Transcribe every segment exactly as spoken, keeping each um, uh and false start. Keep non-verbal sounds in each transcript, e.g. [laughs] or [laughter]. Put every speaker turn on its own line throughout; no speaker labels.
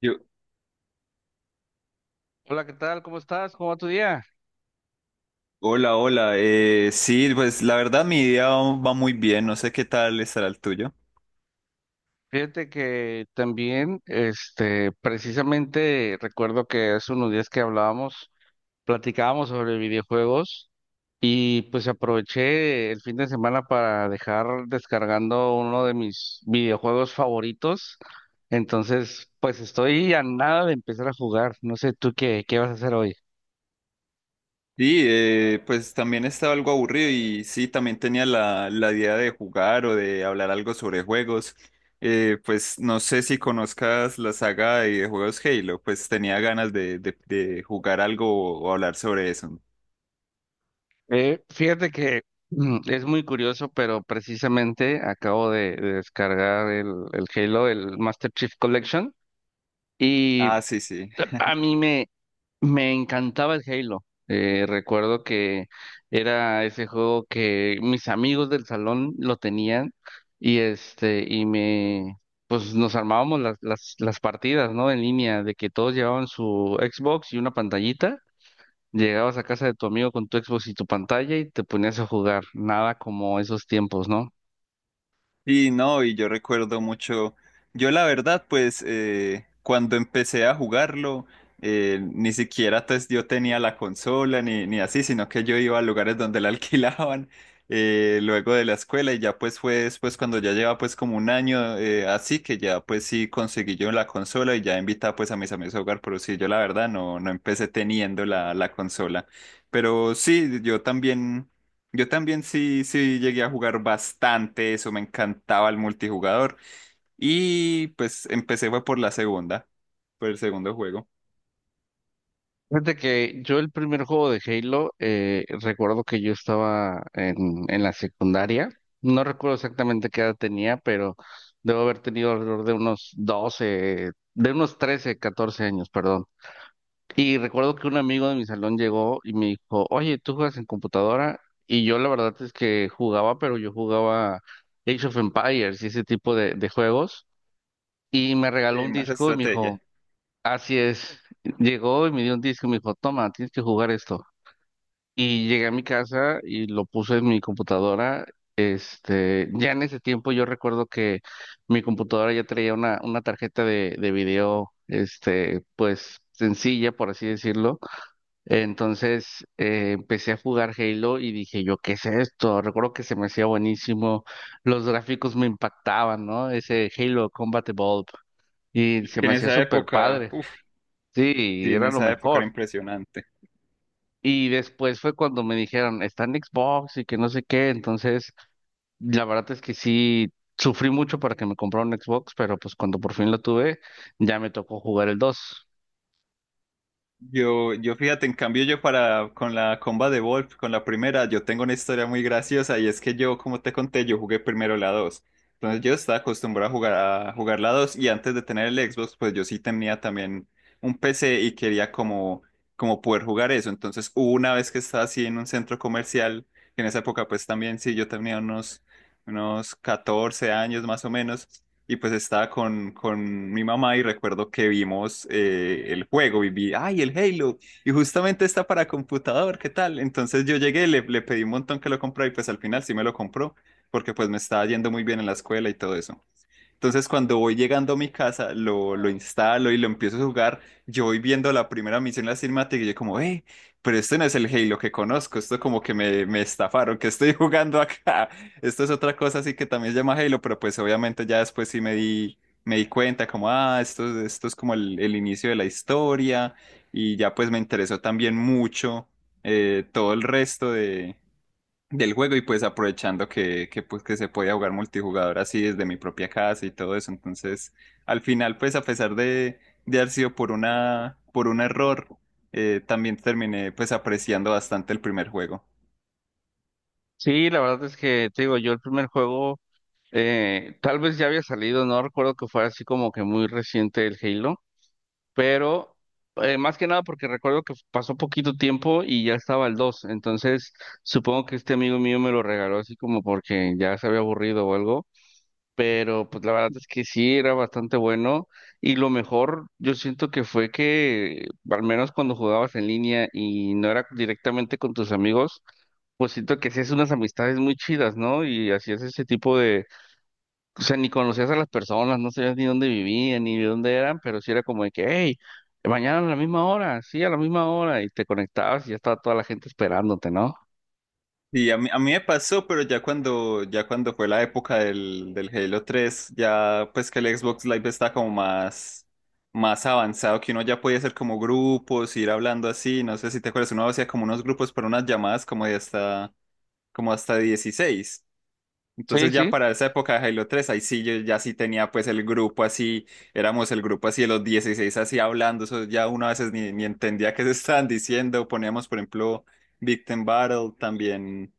Yo,
Hola, ¿qué tal? ¿Cómo estás? ¿Cómo va tu día?
hola, hola. Eh, sí, pues la verdad mi día va va muy bien. No sé qué tal estará el tuyo.
Fíjate que también, este, precisamente recuerdo que hace unos días que hablábamos, platicábamos sobre videojuegos y pues aproveché el fin de semana para dejar descargando uno de mis videojuegos favoritos. Entonces, pues estoy a nada de empezar a jugar. No sé tú qué, qué vas a hacer hoy.
Sí, eh, pues también estaba algo aburrido y sí, también tenía la, la idea de jugar o de hablar algo sobre juegos. Eh, pues no sé si conozcas la saga de juegos Halo, pues tenía ganas de, de de jugar algo o hablar sobre eso.
Eh, fíjate que mm, es muy curioso, pero precisamente acabo de, de descargar el, el Halo, el Master Chief Collection,
Ah,
y
sí, sí.
a mí me, me encantaba el Halo. Eh, recuerdo que era ese juego que mis amigos del salón lo tenían y este, y me, pues nos armábamos las, las, las partidas, ¿no? En línea, de que todos llevaban su Xbox y una pantallita. Llegabas a casa de tu amigo con tu Xbox y tu pantalla y te ponías a jugar. Nada como esos tiempos, ¿no?
Sí, no, y yo recuerdo mucho, yo la verdad, pues eh, cuando empecé a jugarlo, eh, ni siquiera pues, yo tenía la consola ni, ni así, sino que yo iba a lugares donde la [laughs] alquilaban eh, luego de la escuela y ya pues fue después cuando ya lleva pues como un año eh, así que ya pues sí conseguí yo la consola y ya invitaba pues a mis amigos a jugar, pero sí, yo la verdad no, no empecé teniendo la, la consola, pero sí, yo también... Yo también sí, sí llegué a jugar bastante eso, me encantaba el multijugador y pues empecé fue por la segunda, por el segundo juego.
Fíjate que yo el primer juego de Halo, eh, recuerdo que yo estaba en, en la secundaria. No recuerdo exactamente qué edad tenía, pero debo haber tenido alrededor de unos doce de unos trece catorce años, perdón. Y recuerdo que un amigo de mi salón llegó y me dijo, oye, ¿tú juegas en computadora? Y yo la verdad es que jugaba, pero yo jugaba Age of Empires y ese tipo de de juegos. Y me regaló
Sí,
un
más
disco y me
estrategia.
dijo, así es. Llegó y me dio un disco y me dijo, toma, tienes que jugar esto. Y llegué a mi casa y lo puse en mi computadora. Este, ya en ese tiempo yo recuerdo que mi computadora ya traía una, una tarjeta de, de video, este, pues sencilla, por así decirlo. Entonces eh, empecé a jugar Halo y dije yo, ¿qué es esto? Recuerdo que se me hacía buenísimo, los gráficos me impactaban, ¿no? Ese Halo Combat Evolved. Y se
Que
me
en
hacía
esa
súper
época,
padre.
uff,
Sí,
sí, en
era lo
esa época
mejor.
era impresionante.
Y después fue cuando me dijeron, está en Xbox y que no sé qué. Entonces, la verdad es que sí, sufrí mucho para que me comprara un Xbox, pero pues cuando por fin lo tuve, ya me tocó jugar el dos.
Yo, yo fíjate, en cambio yo para con la comba de Wolf, con la primera, yo tengo una historia muy graciosa y es que yo, como te conté, yo jugué primero la dos. Entonces yo estaba acostumbrado a jugar, a jugar la dos y antes de tener el Xbox, pues yo sí tenía también un P C y quería como, como poder jugar eso. Entonces hubo una vez que estaba así en un centro comercial, que en esa época pues también sí, yo tenía unos, unos catorce años más o menos y pues estaba con, con mi mamá y recuerdo que vimos eh, el juego y vi, ay, el Halo, y justamente está para computador, ¿qué tal? Entonces yo llegué, le, le pedí un montón que lo comprara y pues al final sí me lo compró, porque pues me estaba yendo muy bien en la escuela y todo eso. Entonces, cuando voy llegando a mi casa, lo, lo instalo y lo empiezo a jugar. Yo voy viendo la primera misión, la cinemática, y yo como, eh, pero este no es el Halo que conozco, esto como que me, me estafaron, que estoy [laughs] jugando acá. Esto es otra cosa así que también se llama Halo, pero pues obviamente ya después sí me di, me di cuenta como, ah, esto, esto es como el, el inicio de la historia, y ya pues me interesó también mucho eh, todo el resto del juego y pues aprovechando que, que, pues, que se podía jugar multijugador así desde mi propia casa y todo eso. Entonces, al final, pues a pesar de, de haber sido por una, por un error, eh, también terminé pues apreciando bastante el primer juego.
Sí, la verdad es que, te digo, yo el primer juego, eh, tal vez ya había salido, no recuerdo que fuera así como que muy reciente el Halo, pero eh, más que nada porque recuerdo que pasó poquito tiempo y ya estaba el dos, entonces supongo que este amigo mío me lo regaló así como porque ya se había aburrido o algo, pero pues la verdad es que sí, era bastante bueno y lo mejor yo siento que fue que al menos cuando jugabas en línea y no era directamente con tus amigos, pues siento que hacías unas amistades muy chidas, ¿no? Y hacías ese tipo, o sea, ni conocías a las personas, no sabías ni dónde vivían, ni de dónde eran, pero sí era como de que, hey, mañana a la misma hora, sí, a la misma hora, y te conectabas y ya estaba toda la gente esperándote, ¿no?
Y a mí, a mí me pasó, pero ya cuando, ya cuando fue la época del, del Halo tres ya pues que el Xbox Live está como más, más avanzado, que uno ya podía hacer como grupos, ir hablando así, no sé si te acuerdas, uno hacía como unos grupos para unas llamadas como de hasta como hasta dieciséis.
Sí,
Entonces ya
sí.
para esa época de Halo tres ahí sí yo ya sí tenía pues el grupo así, éramos el grupo así de los dieciséis así hablando, eso ya uno a veces ni, ni entendía qué se estaban diciendo, poníamos por ejemplo Victim Battle, también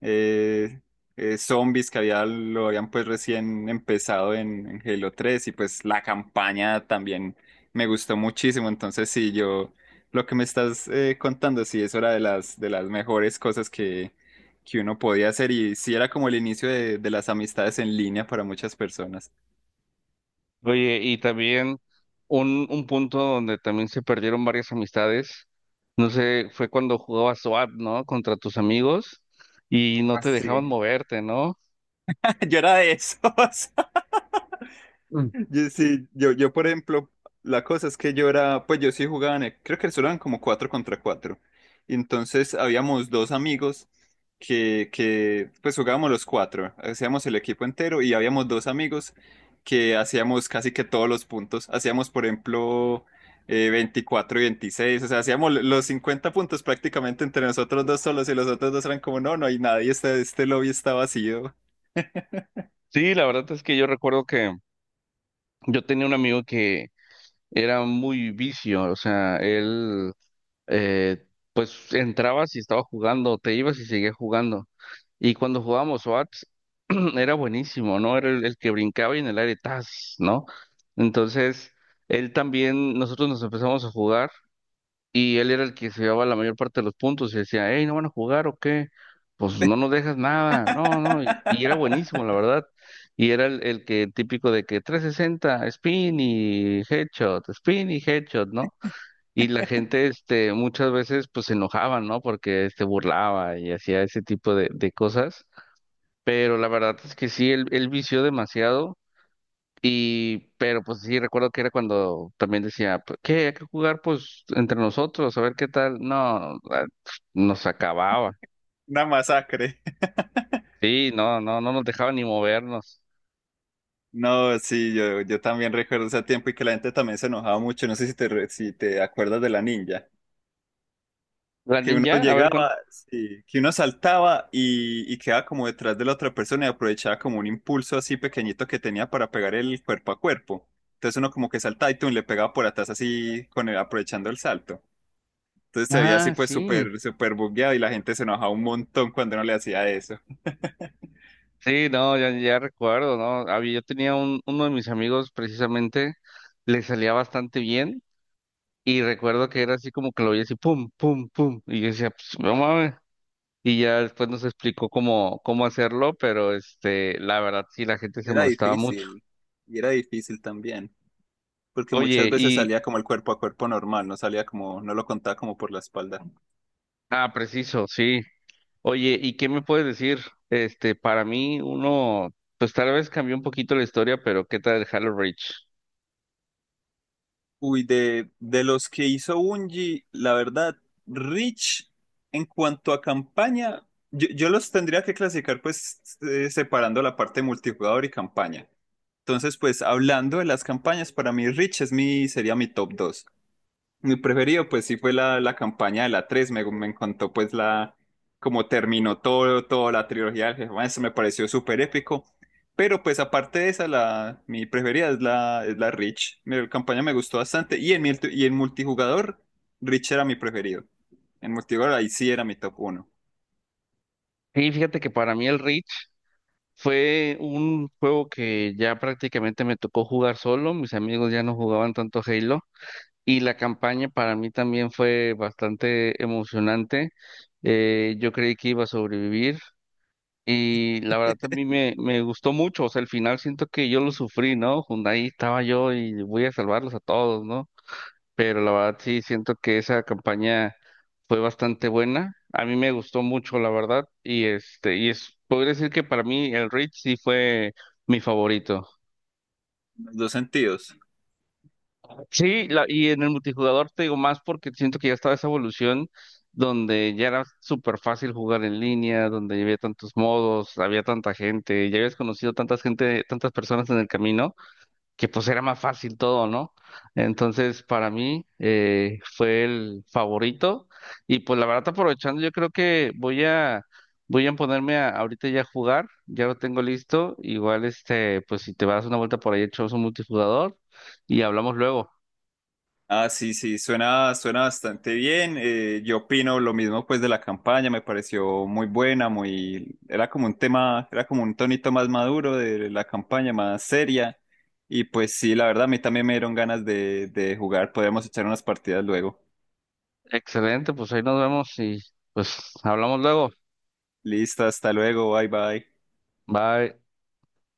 eh, eh, zombies que había, lo habían pues recién empezado en, en Halo tres y pues la campaña también me gustó muchísimo. Entonces sí, yo lo que me estás eh, contando, sí, eso era de las, de las mejores cosas que, que uno podía hacer y sí era como el inicio de, de las amistades en línea para muchas personas.
Oye, y también un, un punto donde también se perdieron varias amistades, no sé, fue cuando jugabas SWAT, ¿no? Contra tus amigos y no
Ah,
te dejaban
sí.
moverte, ¿no?
[laughs] Yo era de esos.
Mm.
Yo, sí, yo, yo, por ejemplo, la cosa es que yo era, pues yo sí jugaba en, el- creo que solo eran como cuatro contra cuatro. Y entonces habíamos dos amigos que, que, pues jugábamos los cuatro, hacíamos el equipo entero y habíamos dos amigos que hacíamos casi que todos los puntos. Hacíamos, por ejemplo, eh, veinticuatro y veintiséis, o sea, hacíamos lo- los cincuenta puntos prácticamente entre nosotros dos solos y los otros dos eran como, no, no hay nadie, este, este lobby está vacío.
Sí, la verdad es que yo recuerdo que yo tenía un amigo que era muy vicio, o sea, él eh, pues entrabas y estaba jugando, te ibas y seguías jugando. Y cuando jugábamos SWAT, [clears throat] era buenísimo, ¿no? Era el, el que brincaba y en el aire, ¡tas! ¿No? Entonces, él también, nosotros nos empezamos a jugar y él era el que se llevaba la mayor parte de los puntos y decía, hey, ¿no van a jugar o qué? Pues no nos dejas nada, no, no. Y, y era buenísimo,
[laughs]
la verdad. Y era el, el que típico de que trescientos sesenta spin y headshot, spin y headshot, ¿no? Y la gente, este, muchas veces, pues se enojaba, ¿no? Porque se burlaba y hacía ese tipo de, de cosas. Pero la verdad es que sí, él, él vició demasiado. Y, pero pues sí, recuerdo que era cuando también decía, "Pues, ¿qué? Hay que jugar, pues, entre nosotros, a ver qué tal. No, ah, nos acababa.
Una masacre.
Sí, no, no, no nos dejaba ni movernos.
No, sí, yo, yo también recuerdo ese tiempo y que la gente también se enojaba mucho. No sé si te, re- si te acuerdas de la ninja.
La
Que uno
ninja, a ver cuánto.
llegaba, sí, que uno saltaba y, y quedaba como detrás de la otra persona y aprovechaba como un impulso así pequeñito que tenía para pegar el cuerpo a cuerpo. Entonces uno como que saltaba y tú le pegaba por atrás así con el, aprovechando el salto. Entonces se veía así
Ah,
pues
sí.
súper, súper bugueado y la gente se enojaba un montón cuando uno le hacía eso. [laughs]
Sí, no, ya, ya recuerdo, ¿no? Había, yo tenía un, uno de mis amigos precisamente, le salía bastante bien. Y recuerdo que era así como que lo oía así, pum, pum, pum. Y yo decía, pues, no mames. Y ya después nos explicó cómo, cómo hacerlo, pero este, la verdad sí, la gente se
Era
molestaba mucho.
difícil. Y era difícil también, porque muchas
Oye,
veces
y,
salía como el cuerpo a cuerpo normal, no salía como, no lo contaba como por la espalda.
ah, preciso, sí. Oye, ¿y qué me puedes decir? Este, para mí, uno, pues tal vez cambió un poquito la historia, pero ¿qué tal el Halo Reach?
Uy, de, de los que hizo Bungie, la verdad, Rich, en cuanto a campaña, yo, yo los tendría que clasificar pues eh, separando la parte multijugador y campaña. Entonces, pues hablando de las campañas, para mí Rich es mi, sería mi top dos. Mi preferido, pues sí fue la, la campaña de la tres me, me encantó pues la, como terminó todo, toda la trilogía del Jefe, eso me pareció súper épico, pero pues aparte de esa, la, mi preferida es la, es la Rich, mi campaña me gustó bastante, y en, mi- y en multijugador, Rich era mi preferido, en multijugador ahí sí era mi top uno
Sí, fíjate que para mí el Reach fue un juego que ya prácticamente me tocó jugar solo. Mis amigos ya no jugaban tanto Halo. Y la campaña para mí también fue bastante emocionante. Eh, yo creí que iba a sobrevivir y la verdad a mí me, me gustó mucho. O sea, al final siento que yo lo sufrí, ¿no? Jun- ahí estaba yo y voy a salvarlos a todos, ¿no? Pero la verdad sí siento que esa campaña fue bastante buena. A mí me gustó mucho, la verdad. Y este, y es, podría decir que para mí el Reach sí fue mi favorito.
en los dos sentidos.
Sí, la- y en el multijugador te digo más porque siento que ya estaba esa evolución donde ya era súper fácil jugar en línea, donde ya había tantos modos, había tanta gente, ya habías conocido tantas gente, tantas personas en el camino, que pues era más fácil todo, ¿no? Entonces, para mí eh, fue el favorito y pues la verdad aprovechando, yo creo que voy a voy a ponerme a, ahorita ya a jugar, ya lo tengo listo, igual este, pues si te vas una vuelta por ahí echamos un multijugador y hablamos luego.
Ah, sí, sí, suena, suena bastante bien. Eh, yo opino lo mismo pues de la campaña, me pareció muy buena, muy, era como un tema, era como un tonito más maduro de la campaña, más seria. Y pues sí, la verdad, a mí también me dieron ganas de, de jugar. Podemos echar unas partidas luego.
Excelente, pues ahí nos vemos y pues hablamos luego.
Listo, hasta luego, bye bye.
Bye.